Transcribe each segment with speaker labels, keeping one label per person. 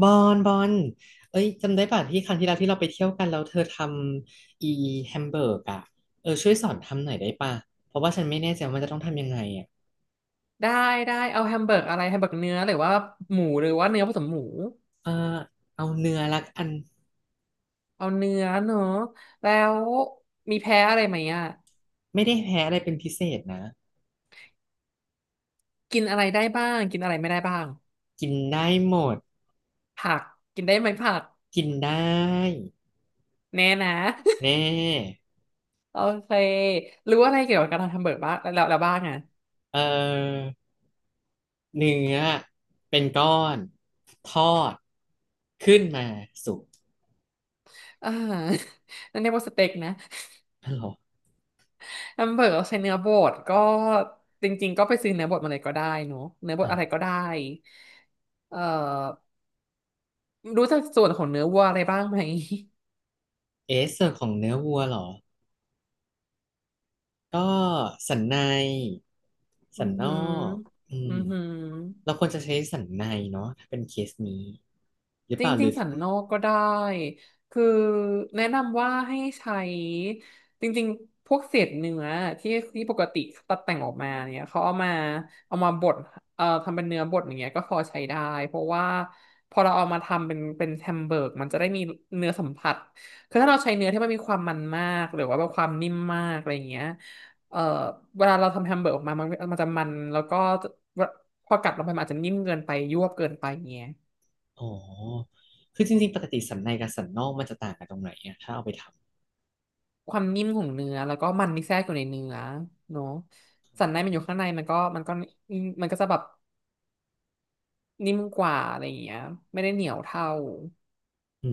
Speaker 1: บอลบอลเอ้ยจำได้ป่ะที่ครั้งที่แล้วที่เราไปเที่ยวกันแล้วเธอทำอีแฮมเบอร์กอ่ะเออช่วยสอนทำหน่อยได้ป่ะเพราะว่าฉันไม่แน่ใจว่ามันจะต้องทำยังไงอ่ะ
Speaker 2: ได้เอาแฮมเบอร์กอะไรแฮมเบอร์กเนื้อหรือว่าหมูหรือว่าเนื้อผสมหมู
Speaker 1: เออเอาเนื้อละกัน
Speaker 2: เอาเนื้อเนอะแล้วมีแพ้อะไรไหมอ่ะ
Speaker 1: ไม่ได้แพ้อะไรเป็นพิเศษนะ
Speaker 2: กินอะไรได้บ้างกินอะไรไม่ได้บ้าง
Speaker 1: กินได้หมด
Speaker 2: ผักกินได้ไหมผัก
Speaker 1: กินได้
Speaker 2: แน่นะ
Speaker 1: แน่
Speaker 2: โอเครู้อะไรเกี่ยวกับการทำแฮมเบอร์กบ้างแล้วบ้างอ่ะ
Speaker 1: เออเนื้อเป็นก้อนทอดขึ้นมาสุก
Speaker 2: อ่า นั่นเรียกว่าสเต็กนะ
Speaker 1: อ๋อเหรอ
Speaker 2: แฮมเบอร์กเราใช้เนื้อบดก็จริงๆก็ไปซื้อเนื้อบดมาเลยก็ได้เนอะเนื้อบดอะไร
Speaker 1: อ่ะ
Speaker 2: ก็ได้เอ่อรู้จักส่วนของเนื้อวัวอะไรบ้างไหม
Speaker 1: เอะส่วนของเนื้อวัวเหรอ ก็สันใน
Speaker 2: อื
Speaker 1: สัน
Speaker 2: อ
Speaker 1: นอ
Speaker 2: หือ
Speaker 1: กอื
Speaker 2: อื
Speaker 1: ม
Speaker 2: อหือ
Speaker 1: เราควรจะใช้สันในเนาะถ้าเป็นเคสนี้หรือ
Speaker 2: จ
Speaker 1: เปล่าหรื
Speaker 2: ริง
Speaker 1: อ
Speaker 2: ๆสันนอกก็ได้คือแนะนำว่าให้ใช้จริงๆพวกเศษเนื้อที่ที่ปกติตัดแต่งออกมาเนี่ยเขาเอามาบดทำเป็นเนื้อบดอย่างเงี้ยก็พอใช้ได้เพราะว่าพอเราเอามาทำเป็นแฮมเบอร์กมันจะได้มีเนื้อสัมผัสคือถ้าเราใช้เนื้อที่มันมีความมันมากหรือว่าแบบความนิ่มมากอะไรอย่างเงี้ยเอ่อเวลาเราทำแฮมเบอร์กออกมามันจะมันแล้วก็จะพอกัดลงไปมันอาจจะนิ่มเกินไปยวบเกินไปอย่างเงี้ย
Speaker 1: อ๋อคือจริงๆปกติสันในกับสันนอกมันจะต่างกันตรงไหนอะถ้าเอาไปท
Speaker 2: ความนิ่มของเนื้อแล้วก็มันที่แทรกอยู่ในเนื้อเนาะสันในมันอยู่ข้างในมันก็จะแบบนิ่มกว่าอะไรอย่างเงี้ยไม่ได้เหนียวเท่า
Speaker 1: ำอื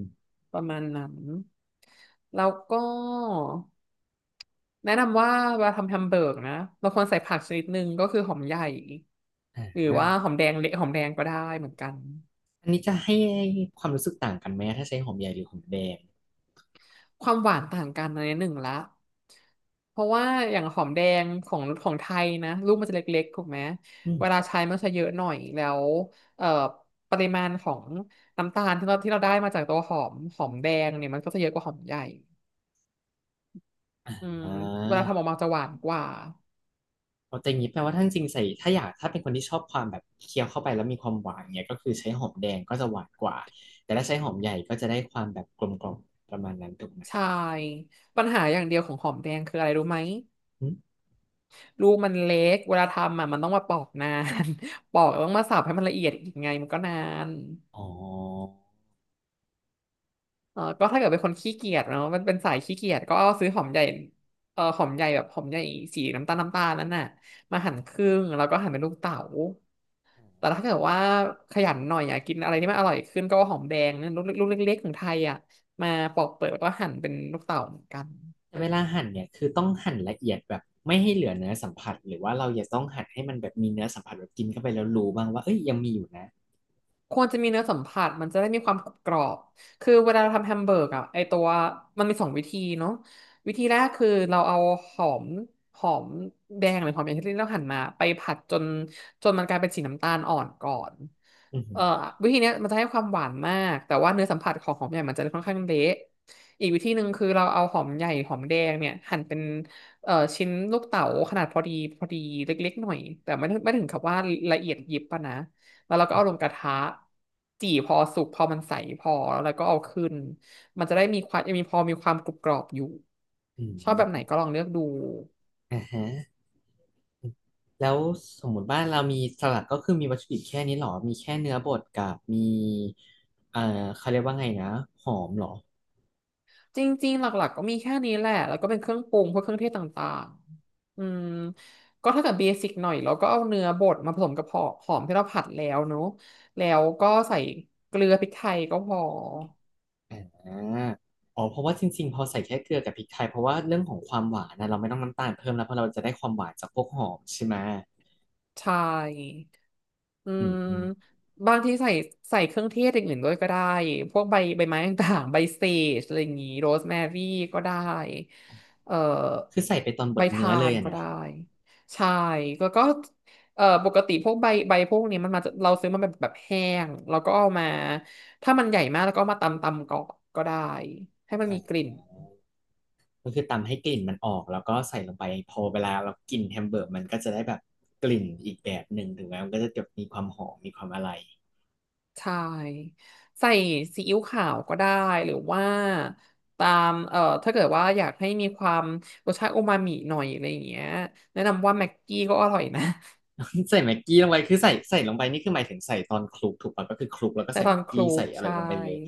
Speaker 1: ม
Speaker 2: ประมาณนั้นแล้วก็แนะนำว่าเวลาทำแฮมเบอร์กนะเราควรใส่ผักชนิดหนึ่งก็คือหอมใหญ่
Speaker 1: อ่
Speaker 2: หรือ
Speaker 1: า
Speaker 2: ว่าหอมแดงเละหอมแดงก็ได้เหมือนกัน
Speaker 1: อันนี้จะให้ความรู้สึกต่างกันไหมถ้าใช้หอมใหญ่หรือหอมแดง
Speaker 2: ความหวานต่างกันในหนึ่งละ เพราะว่าอย่างหอมแดงของไทยนะลูกมันจะเล็กๆถูกไหม
Speaker 1: อืม
Speaker 2: เวลาใช้มันจะเยอะหน่อยแล้วเอ่อปริมาณของน้ำตาลที่เราได้มาจากตัวหอมหอมแดงเนี่ยมันก็จะเยอะกว่าหอมใหญ่อืม
Speaker 1: อ่
Speaker 2: เวลาทำออก
Speaker 1: า
Speaker 2: มาจะหวานกว่า
Speaker 1: เอาแต่อย่างนี้แปลว่าท่านจริงใส่ถ้าอยากถ้าเป็นคนที่ชอบความแบบเคี้ยวเข้าไปแล้วมีความหวานเนี่ยก็คือใช้หอมแดงก็จะหวานกว่าแต่ถ้าใช้หอมใหญ่ก็จะได้ความแบบกลมกล่อมประมาณนั้นถูกไหม
Speaker 2: ใช่ปัญหาอย่างเดียวของหอมแดงคืออะไรรู้ไหม
Speaker 1: หึ
Speaker 2: ลูกมันเล็กเวลาทำอ่ะมันต้องมาปอกนาน ปอกแล้วต้องมาสับให้มันละเอียดอีกไงมันก็นาน
Speaker 1: อ๋อ
Speaker 2: เออก็ถ้าเกิดเป็นคนขี้เกียจเนาะมันเป็นสายขี้เกียจก็เอาซื้อหอมใหญ่เออหอมใหญ่แบบหอมใหญ่สีน้ำตาลนั่นน่ะมาหั่นครึ่งแล้วก็หั่นเป็นลูกเต๋าแต่ถ้าเกิดว่าขยันหน่อยอยากกินอะไรที่มันอร่อยขึ้นก็เอาหอมแดงนั่นลูกเล็กๆของไทยอ่ะมาปอกเปลือกแล้วก็หั่นเป็นลูกเต๋าเหมือนกัน
Speaker 1: แต่เวลาหั่นเนี่ยคือต้องหั่นละเอียดแบบไม่ให้เหลือเนื้อสัมผัสหรือว่าเราอย่าต้องหั่นให้มันแบบมีเนื้อสัมผัสแบบกินเข้าไปแล้วรู้บ้างว่าเอ้ยยังมีอยู่นะ
Speaker 2: ควรจะมีเนื้อสัมผัสมันจะได้มีความกรอบคือเวลาเราทำแฮมเบอร์กอะไอตัวมันมีสองวิธีเนาะวิธีแรกคือเราเอาหอมหอมแดงหรือหอมอย่างที่เราหั่นมาไปผัดจนมันกลายเป็นสีน้ำตาลอ่อนก่อน
Speaker 1: อือหื
Speaker 2: เอ่
Speaker 1: อ
Speaker 2: อวิธีเนี้ยมันจะให้ความหวานมากแต่ว่าเนื้อสัมผัสของหอมใหญ่มันจะค่อนข้างเละอีกวิธีหนึ่งคือเราเอาหอมใหญ่หอมแดงเนี่ยหั่นเป็นชิ้นลูกเต๋าขนาดพอดีพอดีเล็กๆหน่อยแต่ไม่ถึงกับว่าละเอียดยิบปะนะ แล้วเราก็
Speaker 1: อือ
Speaker 2: เอาล
Speaker 1: หื
Speaker 2: ง
Speaker 1: อ
Speaker 2: กระทะจี่พอสุกพอมันใสพอแล้วก็เอาขึ้นมันจะได้มีความยังมีพอมีความกรุบกรอบอยู่
Speaker 1: อื
Speaker 2: ชอบแบบไหนก็
Speaker 1: ม
Speaker 2: ลองเลือกดู
Speaker 1: อ่าฮะ แล้วสมมุติว่าเรามีสลัดก็คือมีวัตถุดิบแค่นี้หรอ มีแค่เนื้อบดกับมีเอ่อเขาเรียกว่าไงนะ หอมหรอ
Speaker 2: จริงๆหลักๆก็มีแค่นี้แหละแล้วก็เป็นเครื่องปรุงพวกเครื่องเทศต่างๆอืมก็ถ้าเกิดเบสิกหน่อยเราก็เอาเนื้อบดมาผสมกับหอมที่เราผัดแล้วเนอะแล้วก็ใส่เกลือพริกไทยก็พอ
Speaker 1: อ่าอ๋อเพราะว่าจริงๆพอใส่แค่เกลือกับพริกไทยเพราะว่าเรื่องของความหวานนะเราไม่ต้องน้ำตาลเพิ่มแล้วเพราะเราจะได้ความหวานจากพวกหอมใช่ไหม
Speaker 2: ใช่ อื
Speaker 1: อืม
Speaker 2: ม
Speaker 1: อืม
Speaker 2: บางทีใส่เครื่องเทศอย่างอื่นด้วยก็ได้พวกใบไม้ต่างๆใบเสจอะไรอย่างงี้โรสแมรี่ก็ได้เอ่อ
Speaker 1: คือใส่ไปตอนบ
Speaker 2: ใบ
Speaker 1: ดเนื้อ
Speaker 2: ทา
Speaker 1: เลย
Speaker 2: น
Speaker 1: อะ
Speaker 2: ก็
Speaker 1: นะ
Speaker 2: ได้ใช่แล้วก็ปกติพวกใบพวกนี้มันมาจากเราซื้อมันแบบแห้งแล้วก็เอามาถ้ามันใหญ่มากแล้วก็เอามาตำก่อนก็ได้ให้มันมีก
Speaker 1: อ่า
Speaker 2: ลิ่น
Speaker 1: ก็คือตำให้กลิ่นมันออกแล้วก็ใส่ลงไปพอเวลาเรากินแฮมเบอร์เกอร์มันก็จะได้แบบกลิ่นอีกแบบหนึ่งถึงแม้มันก็จะแบบมีความหอมมีความอะไร
Speaker 2: ใช่ใส่ซีอิ๊วขาวก็ได้หรือว่าตามถ้าเกิดว่าอยากให้มีความรสชาติโอมามิหน่อยอะไรอย่างเงี้ยแนะนำว่าแม็กกี้ก็อร่อยนะ
Speaker 1: ใส่แม็กกี้ลงไปคือใส่ลงไปนี่คือหมายถึงใส่ตอนคลุกถูกป่ะก็คือคลุกแล้ว ก็
Speaker 2: แต่
Speaker 1: ใส่
Speaker 2: ตอน
Speaker 1: แม็ก
Speaker 2: ค
Speaker 1: กี้
Speaker 2: ลุ
Speaker 1: ใส่
Speaker 2: ก
Speaker 1: อะไร
Speaker 2: ใช่
Speaker 1: ลงไปเลย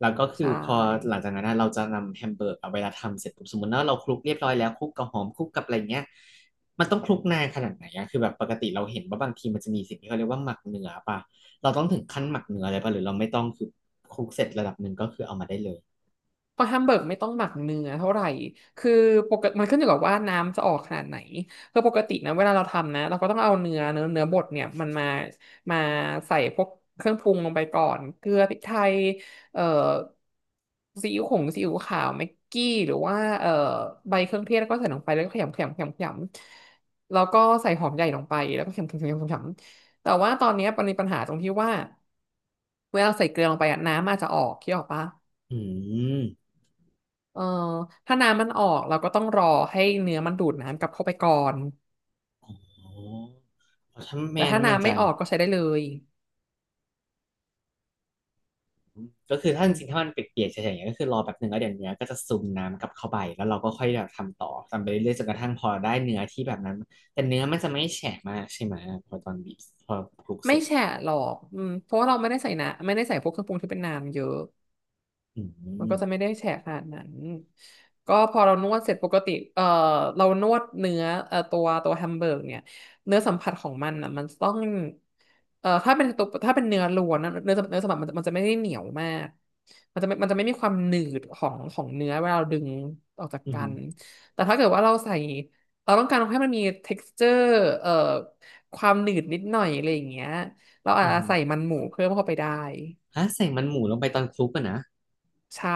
Speaker 1: แล้วก็
Speaker 2: ใช
Speaker 1: คือพอหลั
Speaker 2: ่
Speaker 1: งจากนั้นนะเราจะนำแฮมเบอร์กเอาเวลาทำเสร็จปุ๊บสมมติว่าเราคลุกเรียบร้อยแล้วคลุกกับหอมคลุกกับอะไรเงี้ยมันต้องคลุกนานขนาดไหนอะคือแบบปกติเราเห็นว่าบางทีมันจะมีสิ่งที่เขาเรียกว่าหมักเนื้อป่ะเราต้องถึงขั้นหมักเนื้ออะไรป่ะหรือเราไม่ต้องคือคลุกเสร็จระดับหนึ่งก็คือเอามาได้เลย
Speaker 2: เพราะแฮมเบิร์กไม่ต้องหมักเนื้อเท่าไหร่คือปกติมันขึ้นอยู่กับว่าน้ำจะออกขนาดไหนคือปกตินะเวลาเราทำนะเราก็ต้องเอาเนื้อบดเนี่ยมันมามาใส่พวกเครื่องปรุงลงไปก่อนเกลือพริกไทยเอ่อซีอิ๊วขงซีอิ๊วขาวแม็กกี้หรือว่าใบเครื่องเทศแล้วก็ใส่ลงไปแล้วก็ขยำขยำขยำขยำแล้วก็ใส่หอมใหญ่ลงไปแล้วก็ขยำขยำขยำขยำแต่ว่าตอนเนี้ยมันมีปัญหาตรงที่ว่าเวลาใส่เกลือลงไปอะน้ำอาจจะออกคิดออกปะ
Speaker 1: อืม
Speaker 2: เออถ้าน้ำมันออกเราก็ต้องรอให้เนื้อมันดูดน้ำกลับเข้าไปก่อน
Speaker 1: อ๋อถ้าแม
Speaker 2: แต่
Speaker 1: น
Speaker 2: ถ้า
Speaker 1: แมน
Speaker 2: น้ำไม่
Speaker 1: จะ
Speaker 2: ออ
Speaker 1: เนี่ย
Speaker 2: กก็ใช้ได้เลย
Speaker 1: ก็คือถ้า
Speaker 2: อื
Speaker 1: จ
Speaker 2: ม
Speaker 1: ริงๆถ้ามันเปียกๆเฉยๆอย่างเงี้ยก็คือรอแป๊บหนึ่งแล้วเดี๋ยวเนื้อก็จะซึมน้ำกลับเข้าไปแล้วเราก็ค่อยแบบทำต่อทำไปเรื่อยๆจนกระทั่งพอได้เนื้อที่แบบนั้นแต่เนื้อมันจะไม่แฉะมากใช่ไหมพอตอนบีบพอคลุกเส
Speaker 2: ไม่
Speaker 1: ร็จ
Speaker 2: แฉะ
Speaker 1: อะ
Speaker 2: หรอกอืมเพราะว่าเราไม่ได้ใส่นะไม่ได้ใส่พวกเครื่องปรุงที่เป็นน้ำเยอะ
Speaker 1: อื
Speaker 2: มันก็จะไม่
Speaker 1: ม
Speaker 2: ได้แฉะขนาดนั้นก็พอเรานวดเสร็จปกติเรานวดเนื้อตัวแฮมเบอร์กเนี่ยเนื้อสัมผัสของมันอ่ะมันต้องถ้าเป็นตัวถ้าเป็นเนื้อล้วนนะเนื้อสัมผัสมันจะไม่ได้เหนียวมากมันจะไม่มีความหนืดของเนื้อเวลาเราดึงออกจาก
Speaker 1: อื
Speaker 2: กั
Speaker 1: ม
Speaker 2: น แต่ถ้าเกิดว่าเราใส่เราต้องการให้มันมี texture เอ่อความหนืดนิดหน่อยอะไรอย่างเงี้ยเราอา
Speaker 1: อื
Speaker 2: จจะ
Speaker 1: ม
Speaker 2: ใส่มันหมูเพิ่มเข้าไปได้
Speaker 1: ฮะใส่มันหมูลงไปตอนคลุกอะนะ
Speaker 2: ใช่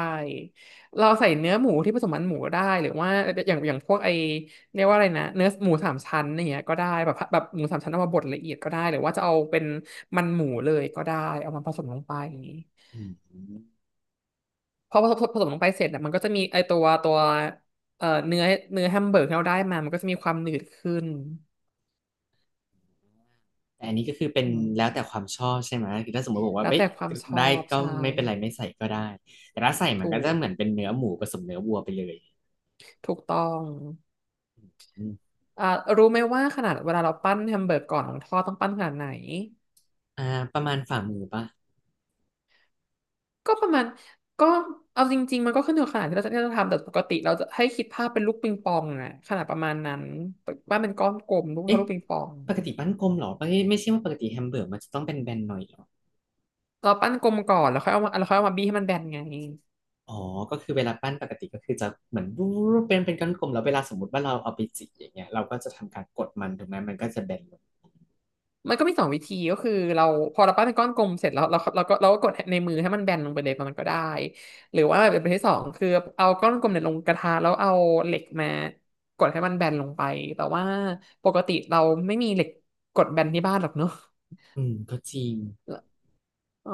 Speaker 2: เราใส่เนื้อหมูที่ผสมมันหมูได้หรือว่าอย่างพวกไอเรียกว่าอะไรนะเนื้อหมูสามชั้นอย่างเงี้ยก็ได้แบบหมูสามชั้นเอามาบดละเอียดก็ได้หรือว่าจะเอาเป็นมันหมูเลยก็ได้เอามาผสมลงไปอย่างนี้
Speaker 1: อืม
Speaker 2: พอผสมลงไปเสร็จอ่ะมันก็จะมีไอตัวเอ่อเนื้อเนื้อแฮมเบอร์กที่เราได้มามันก็จะมีความหนืดขึ้น
Speaker 1: แต่อันนี้ก็คือเป็น
Speaker 2: อืม
Speaker 1: แล้วแต่ความชอบใช่ไหมคือถ้าสมมติบอกว่า
Speaker 2: แล้ว
Speaker 1: ไม่
Speaker 2: แต่ความชอ
Speaker 1: ได้
Speaker 2: บ
Speaker 1: ก็
Speaker 2: ใช่
Speaker 1: ไม่เป็นไรไม่ใส่ก็ได้แต่ถ้าใส่มัน
Speaker 2: ถู
Speaker 1: ก็จะ
Speaker 2: ก
Speaker 1: เหมือนเป็นเนื้อหมูผสมเนื้อวัวไปเลย
Speaker 2: ถูกต้อง
Speaker 1: อืม
Speaker 2: อ่ารู้ไหมว่าขนาดเวลาเราปั้นแฮมเบอร์กก่อนของทอดต้องปั้นขนาดไหน
Speaker 1: อ่าประมาณฝ่ามือปะ
Speaker 2: ก็ประมาณก็เอาจริงๆมันก็ขึ้นอยู่กับขนาดที่เราจะทำแต่ปกติเราจะให้คิดภาพเป็นลูกปิงปองอะขนาดประมาณนั้นปั้นเป็นก้อนกลมลูกเท่า
Speaker 1: เอ๊ะ
Speaker 2: ลูกปิงปอง
Speaker 1: ปกติปั้นกลมเหรอไม่ไม่ใช่ว่าปกติแฮมเบอร์กมันจะต้องเป็นแบนๆหน่อยเหรอ
Speaker 2: เราปั้นกลมก่อนแล้วค่อยเอามาแล้วค่อยเอามาบี้ให้มันแบนไง
Speaker 1: อ๋อก็คือเวลาปั้นปกติก็คือจะเหมือนรูปเป็นก้อนกลมแล้วเวลาสมมติว่าเราเอาไปจีอย่างเงี้ยเราก็จะทำการกดมันถูกไหมมันก็จะแบนลง
Speaker 2: มันก็มีสองวิธีก็คือเราพอเราปั้นเป็นก้อนกลมเสร็จแล้วเราก็กดในมือให้มันแบนลงไปเลยมันก็ได้หรือว่าแบบที่สองคือเอาก้อนกลมเนี่ยลงกระทะแล้วเอาเหล็กมากดให้มันแบนลงไปแต่ว่าปกติเราไม่มีเหล็กกดแบนที่บ้านหรอกเนอะ
Speaker 1: อืมก็จริง
Speaker 2: อ๋อ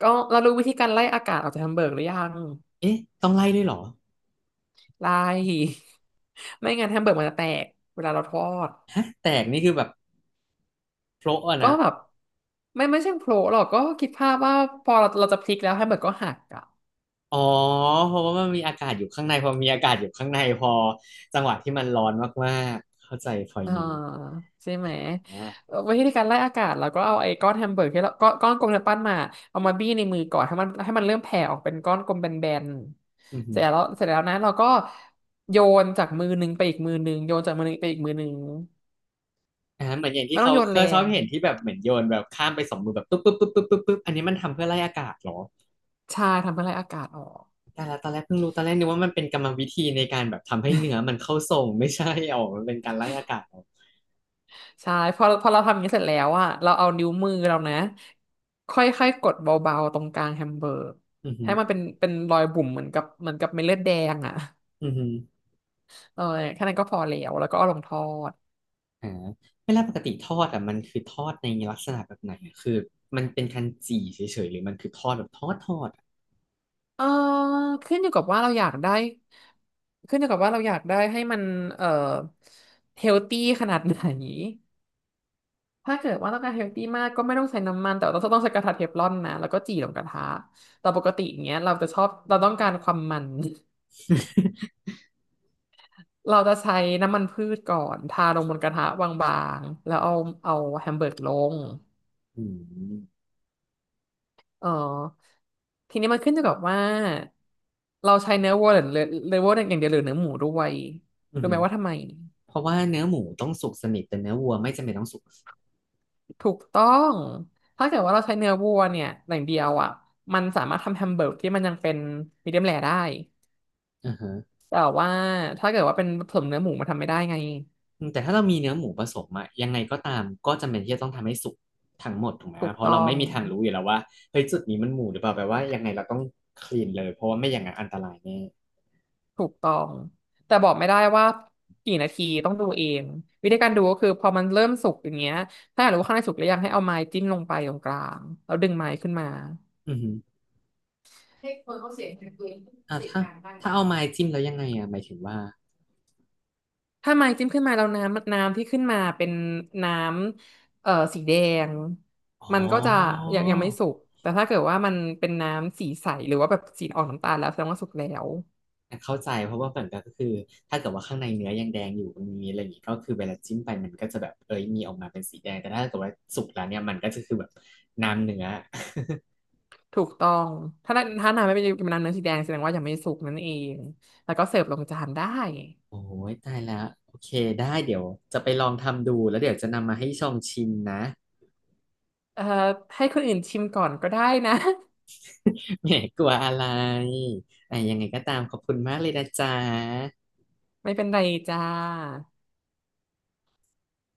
Speaker 2: ก็เรารู้วิธีการไล่อากาศออกจากแฮมเบอร์กหรือยัง
Speaker 1: เอ๊ะต้องไล่ด้วยเหรอ
Speaker 2: ไล่ ไม่งั้นแฮมเบอร์กมันจะแตกเวลาเราทอด
Speaker 1: ฮะแตกนี่คือแบบโพะอะ
Speaker 2: ก็
Speaker 1: นะ
Speaker 2: แบบไม่ใช่โผล่หรอกก็คิดภาพว่าพอเราจะพลิกแล้วแฮมเบอร์กก็หักอ่ะ
Speaker 1: อ๋อเพราะว่ามันมีอากาศอยู่ข้างในพอมีอากาศอยู่ข้างในพอจังหวะที่มันร้อนมากๆเข้าใจพอย
Speaker 2: อ่า
Speaker 1: นี้
Speaker 2: ใช่ไหม
Speaker 1: นะ
Speaker 2: วิธีการไล่อากาศเราก็เอาไอ้ก้อนแฮมเบอร์กที่เราก้อนกลมที่เนืปั้นมาเอามาบี้ในมือก่อนให้มันเริ่มแผ่ออกเป็นก้อนกลมแบน
Speaker 1: อื
Speaker 2: ๆ
Speaker 1: ม
Speaker 2: เสร็จแล้วนะเราก็โยนจากมือหนึ่งไปอีกมือหนึ่งโยนจากมือหนึ่งไปอีกมือหนึ่ง
Speaker 1: อ่าเหมือนอย่างที่
Speaker 2: ไม่ต้อ
Speaker 1: เขา
Speaker 2: งโยน
Speaker 1: เค
Speaker 2: แร
Speaker 1: ยชอบ
Speaker 2: ง
Speaker 1: เห็นที่แบบเหมือนโยนแบบข้ามไปสองมือแบบปุ๊บปุ๊บปุ๊บปุ๊บปุ๊บปุ๊บอันนี้มันทำเพื่อไล่อากาศเหรอ
Speaker 2: ใช่ทำให้ไล่อากาศออก
Speaker 1: แต่ละตอนแรกเพิ่งรู้ตอนแรกนึกว่ามันเป็นกรรมวิธีในการแบบทำให้เนื้อมันเข้าทรงไม่ใช่อ๋อมันเป็นการไล่อากาศเหรอ
Speaker 2: ใช่พอเราทำอย่างนี้เสร็จแล้วอะเราเอานิ้วมือเรานะค่อยๆกดเบาๆตรงกลางแฮมเบอร์ก
Speaker 1: อือฮึ
Speaker 2: ให้มันเป็นรอยบุ๋มเหมือนกับเม็ดเลือดแดงอะ
Speaker 1: อือฮึ
Speaker 2: เออแค่นั้นก็พอแล้วแล้วก็เอาลงทอด
Speaker 1: อ่าเวลาปกติทอดอ่ะมันคือทอดในลักษณะแบบไหนอะคือมันเป็นการจี่เฉยๆหรือมันคือทอดแบบทอดอะ
Speaker 2: เออขึ้นอยู่กับว่าเราอยากได้ขึ้นอยู่กับว่าเราอยากได้ให้มันเอ่อเฮลตี้ขนาดไหนถ้าเกิดว่าต้องการเฮลตี้มากก็ไม่ต้องใช้น้ำมันแต่ว่าต้องใช้กระทะเทฟลอนนะแล้วก็จี่ลงกระทะแต่ปกติอย่างเงี้ยเราจะชอบเราต้องการความมัน เราจะใช้น้ำมันพืชก่อนทาลงบนกระทะบางๆแล้วเอาแฮมเบอร์กลง
Speaker 1: อืม
Speaker 2: เออทีนี้มันขึ้นอยู่กับว่าเราใช้เนื้อวัวอย่างเดียวหรือเนื้อหมูด้วย
Speaker 1: อือ
Speaker 2: รู้ไห
Speaker 1: ฮึ
Speaker 2: มว่าทำไม
Speaker 1: เพราะว่าเนื้อหมูต้องสุกสนิทแต่เนื้อวัวไม่จำเป็นต้องสุก
Speaker 2: ถูกต้องถ้าเกิดว่าเราใช้เนื้อวัวเนี่ยอย่างเดียวอ่ะมันสามารถทำแฮมเบอร์กที่มันยังเป็นมีเดียมแรร์ได้
Speaker 1: อ่าฮะ
Speaker 2: แต่ว่าถ้าเกิดว่าเป็นผสมเนื้อหมูมันทำไม่ได้ไง
Speaker 1: อืมแต่ถ้าเรามีเนื้อหมูผสมอะยังไงก็ตามก็จำเป็นที่จะต้องทำให้สุกทั้งหมดถูกไหม
Speaker 2: ถูก
Speaker 1: เพราะ
Speaker 2: ต้
Speaker 1: เรา
Speaker 2: อ
Speaker 1: ไม่
Speaker 2: ง
Speaker 1: มีทางรู้อยู่แล้วว่าเฮ้ยจุดนี้มันหมูหรือเปล่าแปลว่ายังไงเราต้องคลีนเลยเพราะว่าไม่อย่างนั้นอันตรายแน่
Speaker 2: ถูกต้องแต่บอกไม่ได้ว่ากี่นาทีต้องดูเองวิธีการดูก็คือพอมันเริ่มสุกอย่างเงี้ยถ้าอยากรู้ว่าข้างในสุกหรือยังให้เอาไม้จิ้มลงไปตรงกลางแล้วดึงไม้ขึ้นมา
Speaker 1: อือฮึอ่าถ้าถ้าเอาไม้จิ้มแล้วยังไงอะหมายถึงว่า
Speaker 2: ถ้าไม้จิ้มขึ้นมาแล้วน้ำที่ขึ้นมาเป็นน้ำสีแดง
Speaker 1: อ๋
Speaker 2: มัน
Speaker 1: อ
Speaker 2: ก็จะยังไม่สุกแต่ถ้าเกิดว่ามันเป็นน้ำสีใสหรือว่าแบบสีออกน้ำตาลแล้วแสดงว่าสุกแล้ว
Speaker 1: อ่ะเข้าใจเพราะว่าเหมือนกันก็คือถ้าเกิดว่าข้างในเนื้อยังแดงอยู่มันมีอะไรอย่างงี้ก็คือเวลาจิ้มไปมันก็จะแบบเอ้ยมีออกมาเป็นสีแดงแต่ถ้าเกิดว่าสุกแล้วเนี่ยมันก็จะคือแบบน้ำเนื้อ
Speaker 2: ถูกต้องถ้าน้ำไม่เป็นน้ำเนื้อสีแดงแสดงว่ายังไม่สุกนั่นเอง แล้วก็เสิร์ฟลงจานได้
Speaker 1: โอ้ยตายแล้วโอเคได้เดี๋ยวจะไปลองทำดูแล้วเดี๋ยวจะนำมาให้ชองชิมนะ
Speaker 2: เอ่อ ให้คนอื่นชิมก่อนก็ได้นะ
Speaker 1: แหมกลัวอะไรอ่ะยังไงก็ตามขอบคุณมากเลยนะจ๊ะ
Speaker 2: ไม่เป็นไรจ้า